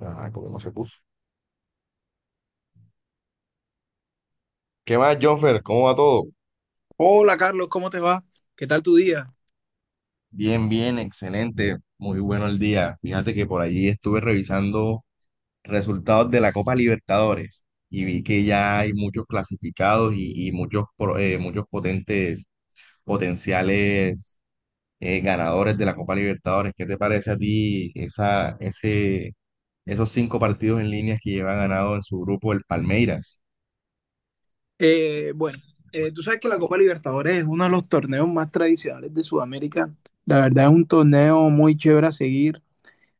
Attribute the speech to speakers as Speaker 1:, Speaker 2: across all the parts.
Speaker 1: Ah, porque no se puso. ¿Qué más, Jonfer? ¿Cómo va todo?
Speaker 2: Hola Carlos, ¿cómo te va? ¿Qué tal tu día?
Speaker 1: Bien, bien, excelente. Muy bueno el día. Fíjate que por allí estuve revisando resultados de la Copa Libertadores y vi que ya hay muchos clasificados y muchos, muchos potentes, potenciales ganadores de la Copa Libertadores. ¿Qué te parece a ti esos cinco partidos en línea que lleva ganado en su grupo el Palmeiras?
Speaker 2: Eh, bueno, tú sabes que la Copa Libertadores es uno de los torneos más tradicionales de Sudamérica. La verdad es un torneo muy chévere a seguir.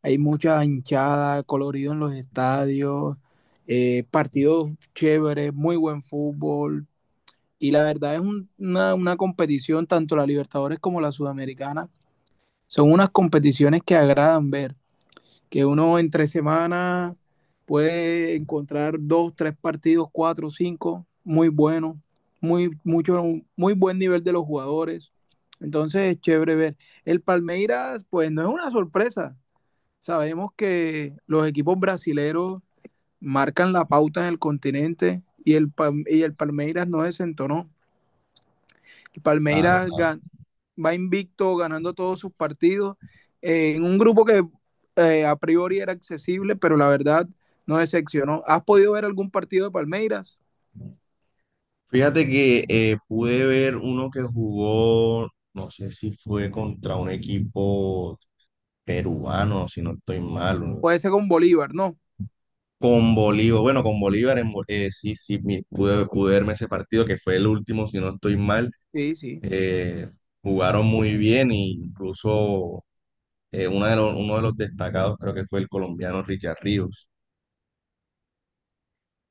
Speaker 2: Hay mucha hinchada, colorido en los estadios, partidos chéveres, muy buen fútbol. Y la verdad es una competición, tanto la Libertadores como la Sudamericana, son unas competiciones que agradan ver. Que uno entre semana puede encontrar dos, tres partidos, cuatro, cinco, muy buenos, muy, mucho, muy buen nivel de los jugadores. Entonces es chévere ver. El Palmeiras, pues no es una sorpresa. Sabemos que los equipos brasileros marcan la pauta en el continente, y el Palmeiras no desentonó. El
Speaker 1: Claro,
Speaker 2: Palmeiras
Speaker 1: claro.
Speaker 2: gan- Va invicto ganando todos sus partidos, en un grupo que a priori era accesible, pero la verdad no decepcionó. ¿Has podido ver algún partido de Palmeiras?
Speaker 1: Fíjate que pude ver uno que jugó, no sé si fue contra un equipo peruano, si no estoy mal,
Speaker 2: Puede ser con Bolívar, ¿no?
Speaker 1: con Bolívar, bueno, con Bolívar, sí, sí, pude verme ese partido que fue el último, si no estoy mal,
Speaker 2: Sí, sí.
Speaker 1: eh, jugaron muy bien e incluso uno de los destacados creo que fue el colombiano Richard Ríos.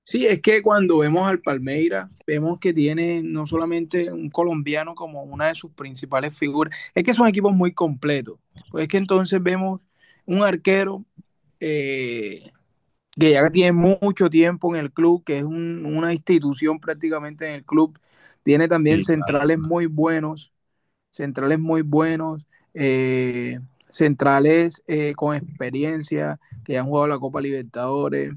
Speaker 2: Sí, es que cuando vemos al Palmeiras, vemos que tiene no solamente un colombiano como una de sus principales figuras, es que son equipos muy completos. Pues es que entonces vemos un arquero, eh, que ya tiene mucho tiempo en el club, que es una institución prácticamente en el club. Tiene también
Speaker 1: Sí,
Speaker 2: centrales muy buenos, centrales muy buenos, eh, centrales con experiencia, que ya han jugado la Copa Libertadores.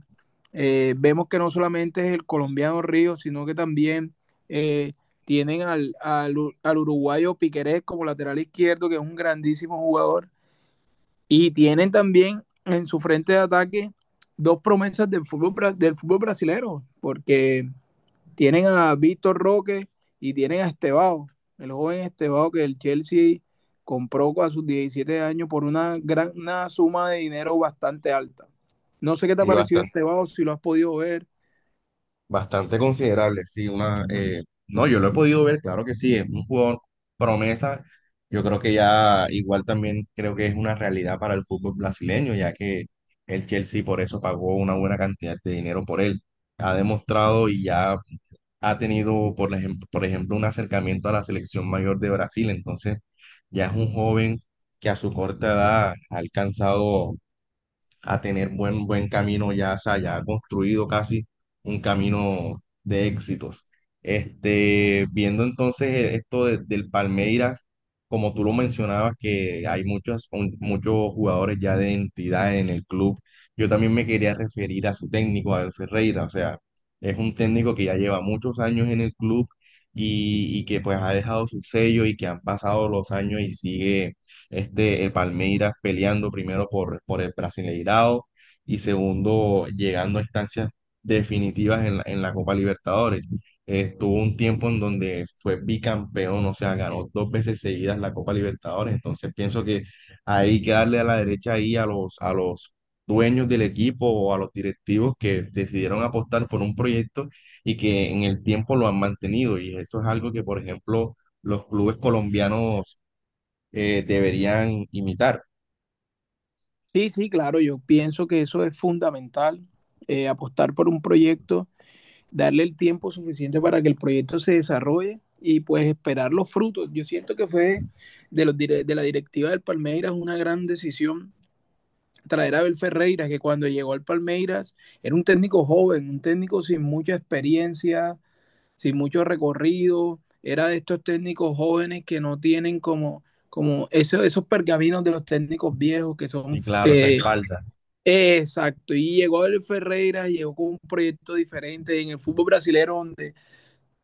Speaker 2: Vemos que no solamente es el colombiano Río, sino que también eh, tienen al uruguayo Piquerez como lateral izquierdo, que es un grandísimo jugador. Y tienen también en su frente de ataque dos promesas del fútbol brasilero, porque tienen a Víctor Roque y tienen a Estebao, el joven Estebao que el Chelsea compró a sus 17 años por una suma de dinero bastante alta. No sé qué te ha parecido
Speaker 1: claro.
Speaker 2: Estebao, si lo has podido ver.
Speaker 1: Bastante considerable, sí, una, no, yo lo he podido ver, claro que sí, es un jugador promesa, yo creo que ya igual también creo que es una realidad para el fútbol brasileño, ya que el Chelsea por eso pagó una buena cantidad de dinero por él, ha demostrado y ya ha tenido, por ejemplo, un acercamiento a la selección mayor de Brasil, entonces ya es un joven que a su corta edad ha alcanzado a tener buen camino ya, o sea, ya construido casi un camino de éxitos. Viendo entonces del Palmeiras, como tú lo mencionabas, que hay muchos jugadores ya de entidad en el club, yo también me quería referir a su técnico, al Ferreira, o sea, es un técnico que ya lleva muchos años en el club y que pues ha dejado su sello y que han pasado los años y sigue el Palmeiras peleando primero por el Brasileirao y segundo llegando a instancias definitivas en en la Copa Libertadores. Estuvo un tiempo en donde fue bicampeón, o sea, ganó dos veces seguidas la Copa Libertadores. Entonces pienso que hay que darle a la derecha ahí a a los dueños del equipo o a los directivos que decidieron apostar por un proyecto y que en el tiempo lo han mantenido. Y eso es algo que, por ejemplo, los clubes colombianos deberían imitar.
Speaker 2: Sí, sí, claro, yo pienso que eso es fundamental, apostar por un proyecto, darle el tiempo suficiente para que el proyecto se desarrolle y pues esperar los frutos. Yo siento que fue de, los, de la directiva del Palmeiras una gran decisión traer a Abel Ferreira, que cuando llegó al Palmeiras era un técnico joven, un técnico sin mucha experiencia, sin mucho recorrido, era de estos técnicos jóvenes que no tienen como, esos pergaminos de los técnicos viejos que son...
Speaker 1: Y claro, esa
Speaker 2: Eh, claro.
Speaker 1: espalda.
Speaker 2: Exacto, y llegó el Ferreira, llegó con un proyecto diferente en el fútbol brasileño, donde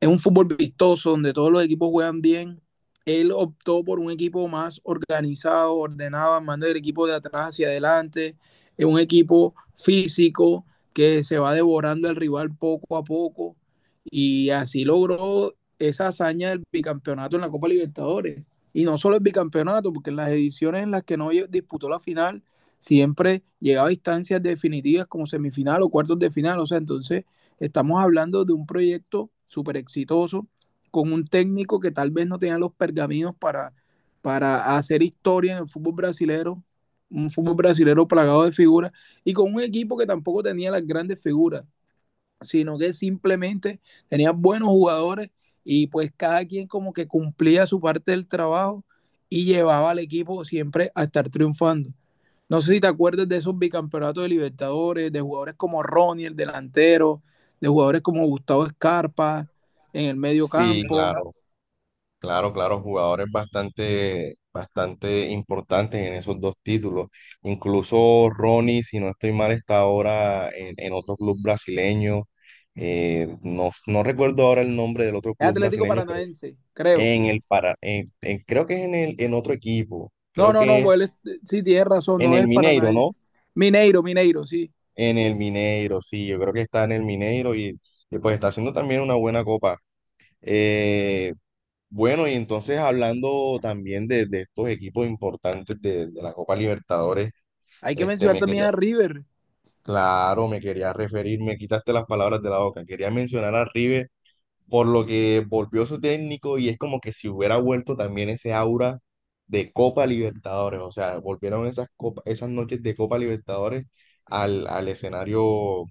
Speaker 2: es un fútbol vistoso donde todos los equipos juegan bien. Él optó por un equipo más organizado, ordenado, armando el equipo de atrás hacia adelante. Es un equipo físico que se va devorando al rival poco a poco. Y así logró esa hazaña del bicampeonato en la Copa Libertadores. Y no solo el bicampeonato, porque en las ediciones en las que no disputó la final, siempre llegaba a instancias definitivas como semifinal o cuartos de final. O sea, entonces estamos hablando de un proyecto súper exitoso con un técnico que tal vez no tenía los pergaminos para hacer historia en el fútbol brasilero, un fútbol brasilero plagado de figuras y con un equipo que tampoco tenía las grandes figuras, sino que simplemente tenía buenos jugadores y pues cada quien como que cumplía su parte del trabajo y llevaba al equipo siempre a estar triunfando. No sé si te acuerdas de esos bicampeonatos de Libertadores, de jugadores como Ronnie, el delantero, de jugadores como Gustavo Escarpa en el medio
Speaker 1: Sí,
Speaker 2: campo.
Speaker 1: claro, claro, claro, jugadores bastante importantes en esos dos títulos. Incluso Ronnie, si no estoy mal, está ahora en otro club brasileño. No recuerdo ahora el nombre del otro
Speaker 2: Es
Speaker 1: club
Speaker 2: Atlético
Speaker 1: brasileño, pero
Speaker 2: Paranaense, creo.
Speaker 1: en el para, en- creo que es en en otro equipo.
Speaker 2: No,
Speaker 1: Creo
Speaker 2: no, no,
Speaker 1: que
Speaker 2: pues
Speaker 1: es
Speaker 2: sí, tienes razón,
Speaker 1: en
Speaker 2: no
Speaker 1: el
Speaker 2: es
Speaker 1: Mineiro,
Speaker 2: Paranaense.
Speaker 1: ¿no?
Speaker 2: Mineiro, Mineiro, sí.
Speaker 1: En el Mineiro, sí, yo creo que está en el Mineiro y pues está haciendo también una buena copa. Eh, bueno, y entonces hablando también de estos equipos importantes de la Copa Libertadores,
Speaker 2: Hay que
Speaker 1: este
Speaker 2: mencionar
Speaker 1: me
Speaker 2: también
Speaker 1: quería,
Speaker 2: a River.
Speaker 1: claro, me quería referir, me quitaste las palabras de la boca, quería mencionar a River por lo que volvió su técnico y es como que si hubiera vuelto también ese aura de Copa Libertadores, o sea, volvieron esas noches de Copa Libertadores al, al escenario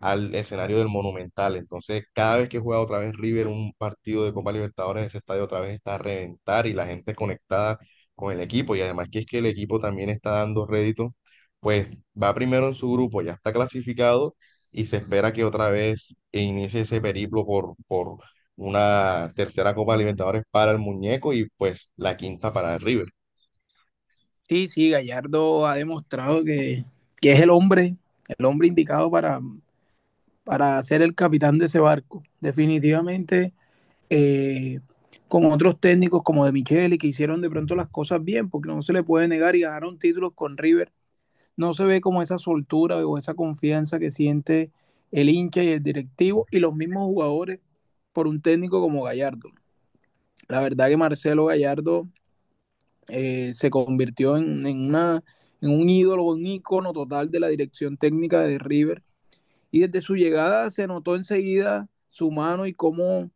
Speaker 1: al escenario del Monumental. Entonces, cada vez que juega otra vez River un partido de Copa Libertadores, ese estadio otra vez está a reventar y la gente conectada con el equipo. Y además que es que el equipo también está dando rédito, pues va primero en su grupo, ya está clasificado y se espera que otra vez inicie ese periplo por una tercera Copa Libertadores para el muñeco y pues la quinta para el River.
Speaker 2: Sí, sí, Gallardo ha demostrado que es el hombre indicado para ser el capitán de ese barco. Definitivamente, eh, con otros técnicos como de Micheli, que hicieron de pronto las cosas bien, porque no se le puede negar y ganaron títulos con River. No se ve como esa soltura o esa confianza que siente el hincha y el directivo y los mismos jugadores por un técnico como Gallardo. La verdad que Marcelo Gallardo se convirtió en, una, en un ídolo, un ícono total de la dirección técnica de River. Y desde su llegada se notó enseguida su mano y cómo,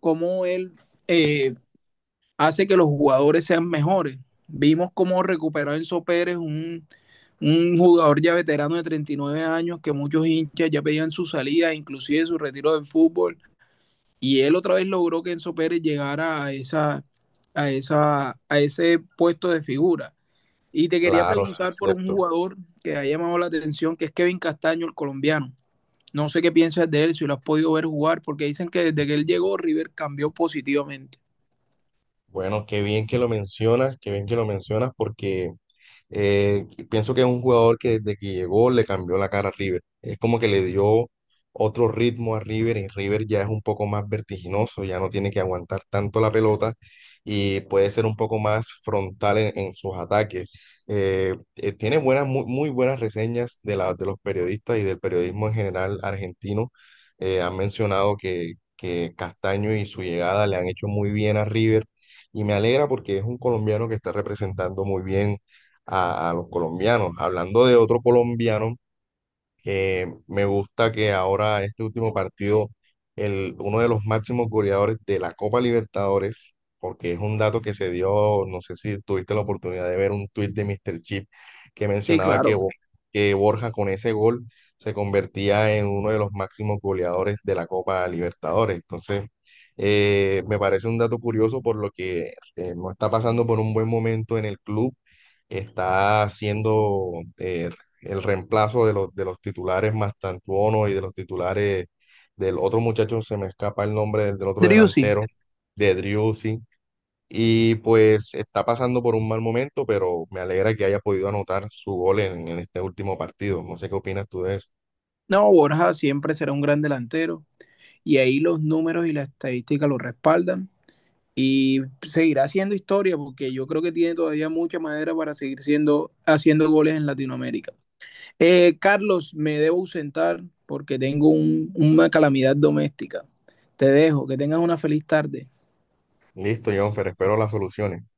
Speaker 2: cómo él eh, hace que los jugadores sean mejores. Vimos cómo recuperó a Enzo Pérez, un jugador ya veterano de 39 años, que muchos hinchas ya pedían su salida, inclusive su retiro del fútbol. Y él otra vez logró que Enzo Pérez llegara a ese puesto de figura. Y te quería
Speaker 1: Claro, sí es
Speaker 2: preguntar por un
Speaker 1: cierto.
Speaker 2: jugador que ha llamado la atención, que es Kevin Castaño, el colombiano. No sé qué piensas de él, si lo has podido ver jugar, porque dicen que desde que él llegó, River cambió positivamente.
Speaker 1: Bueno, qué bien que lo mencionas, qué bien que lo mencionas porque pienso que es un jugador que desde que llegó le cambió la cara a River. Es como que le dio otro ritmo a River y River ya es un poco más vertiginoso, ya no tiene que aguantar tanto la pelota y puede ser un poco más frontal en sus ataques. Tiene muy buenas reseñas de los periodistas y del periodismo en general argentino. Han mencionado que Castaño y su llegada le han hecho muy bien a River. Y me alegra porque es un colombiano que está representando muy bien a los colombianos. Hablando de otro colombiano, me gusta que ahora este último partido, uno de los máximos goleadores de la Copa Libertadores, porque es un dato que se dio, no sé si tuviste la oportunidad de ver un tuit de Mr. Chip que
Speaker 2: Sí,
Speaker 1: mencionaba
Speaker 2: claro.
Speaker 1: Que Borja con ese gol se convertía en uno de los máximos goleadores de la Copa Libertadores. Entonces, me parece un dato curioso por lo que no está pasando por un buen momento en el club, está siendo eh, el reemplazo de de los titulares Mastantuono y de los titulares del otro muchacho, se me escapa el nombre del otro
Speaker 2: Driussi.
Speaker 1: delantero, de Driussi. Y pues está pasando por un mal momento, pero me alegra que haya podido anotar su gol en este último partido. No sé qué opinas tú de eso.
Speaker 2: No, Borja siempre será un gran delantero y ahí los números y la estadística lo respaldan y seguirá haciendo historia porque yo creo que tiene todavía mucha madera para seguir siendo, haciendo goles en Latinoamérica. Carlos, me debo ausentar porque tengo una calamidad doméstica. Te dejo, que tengas una feliz tarde.
Speaker 1: Listo, Jonfer, espero las soluciones.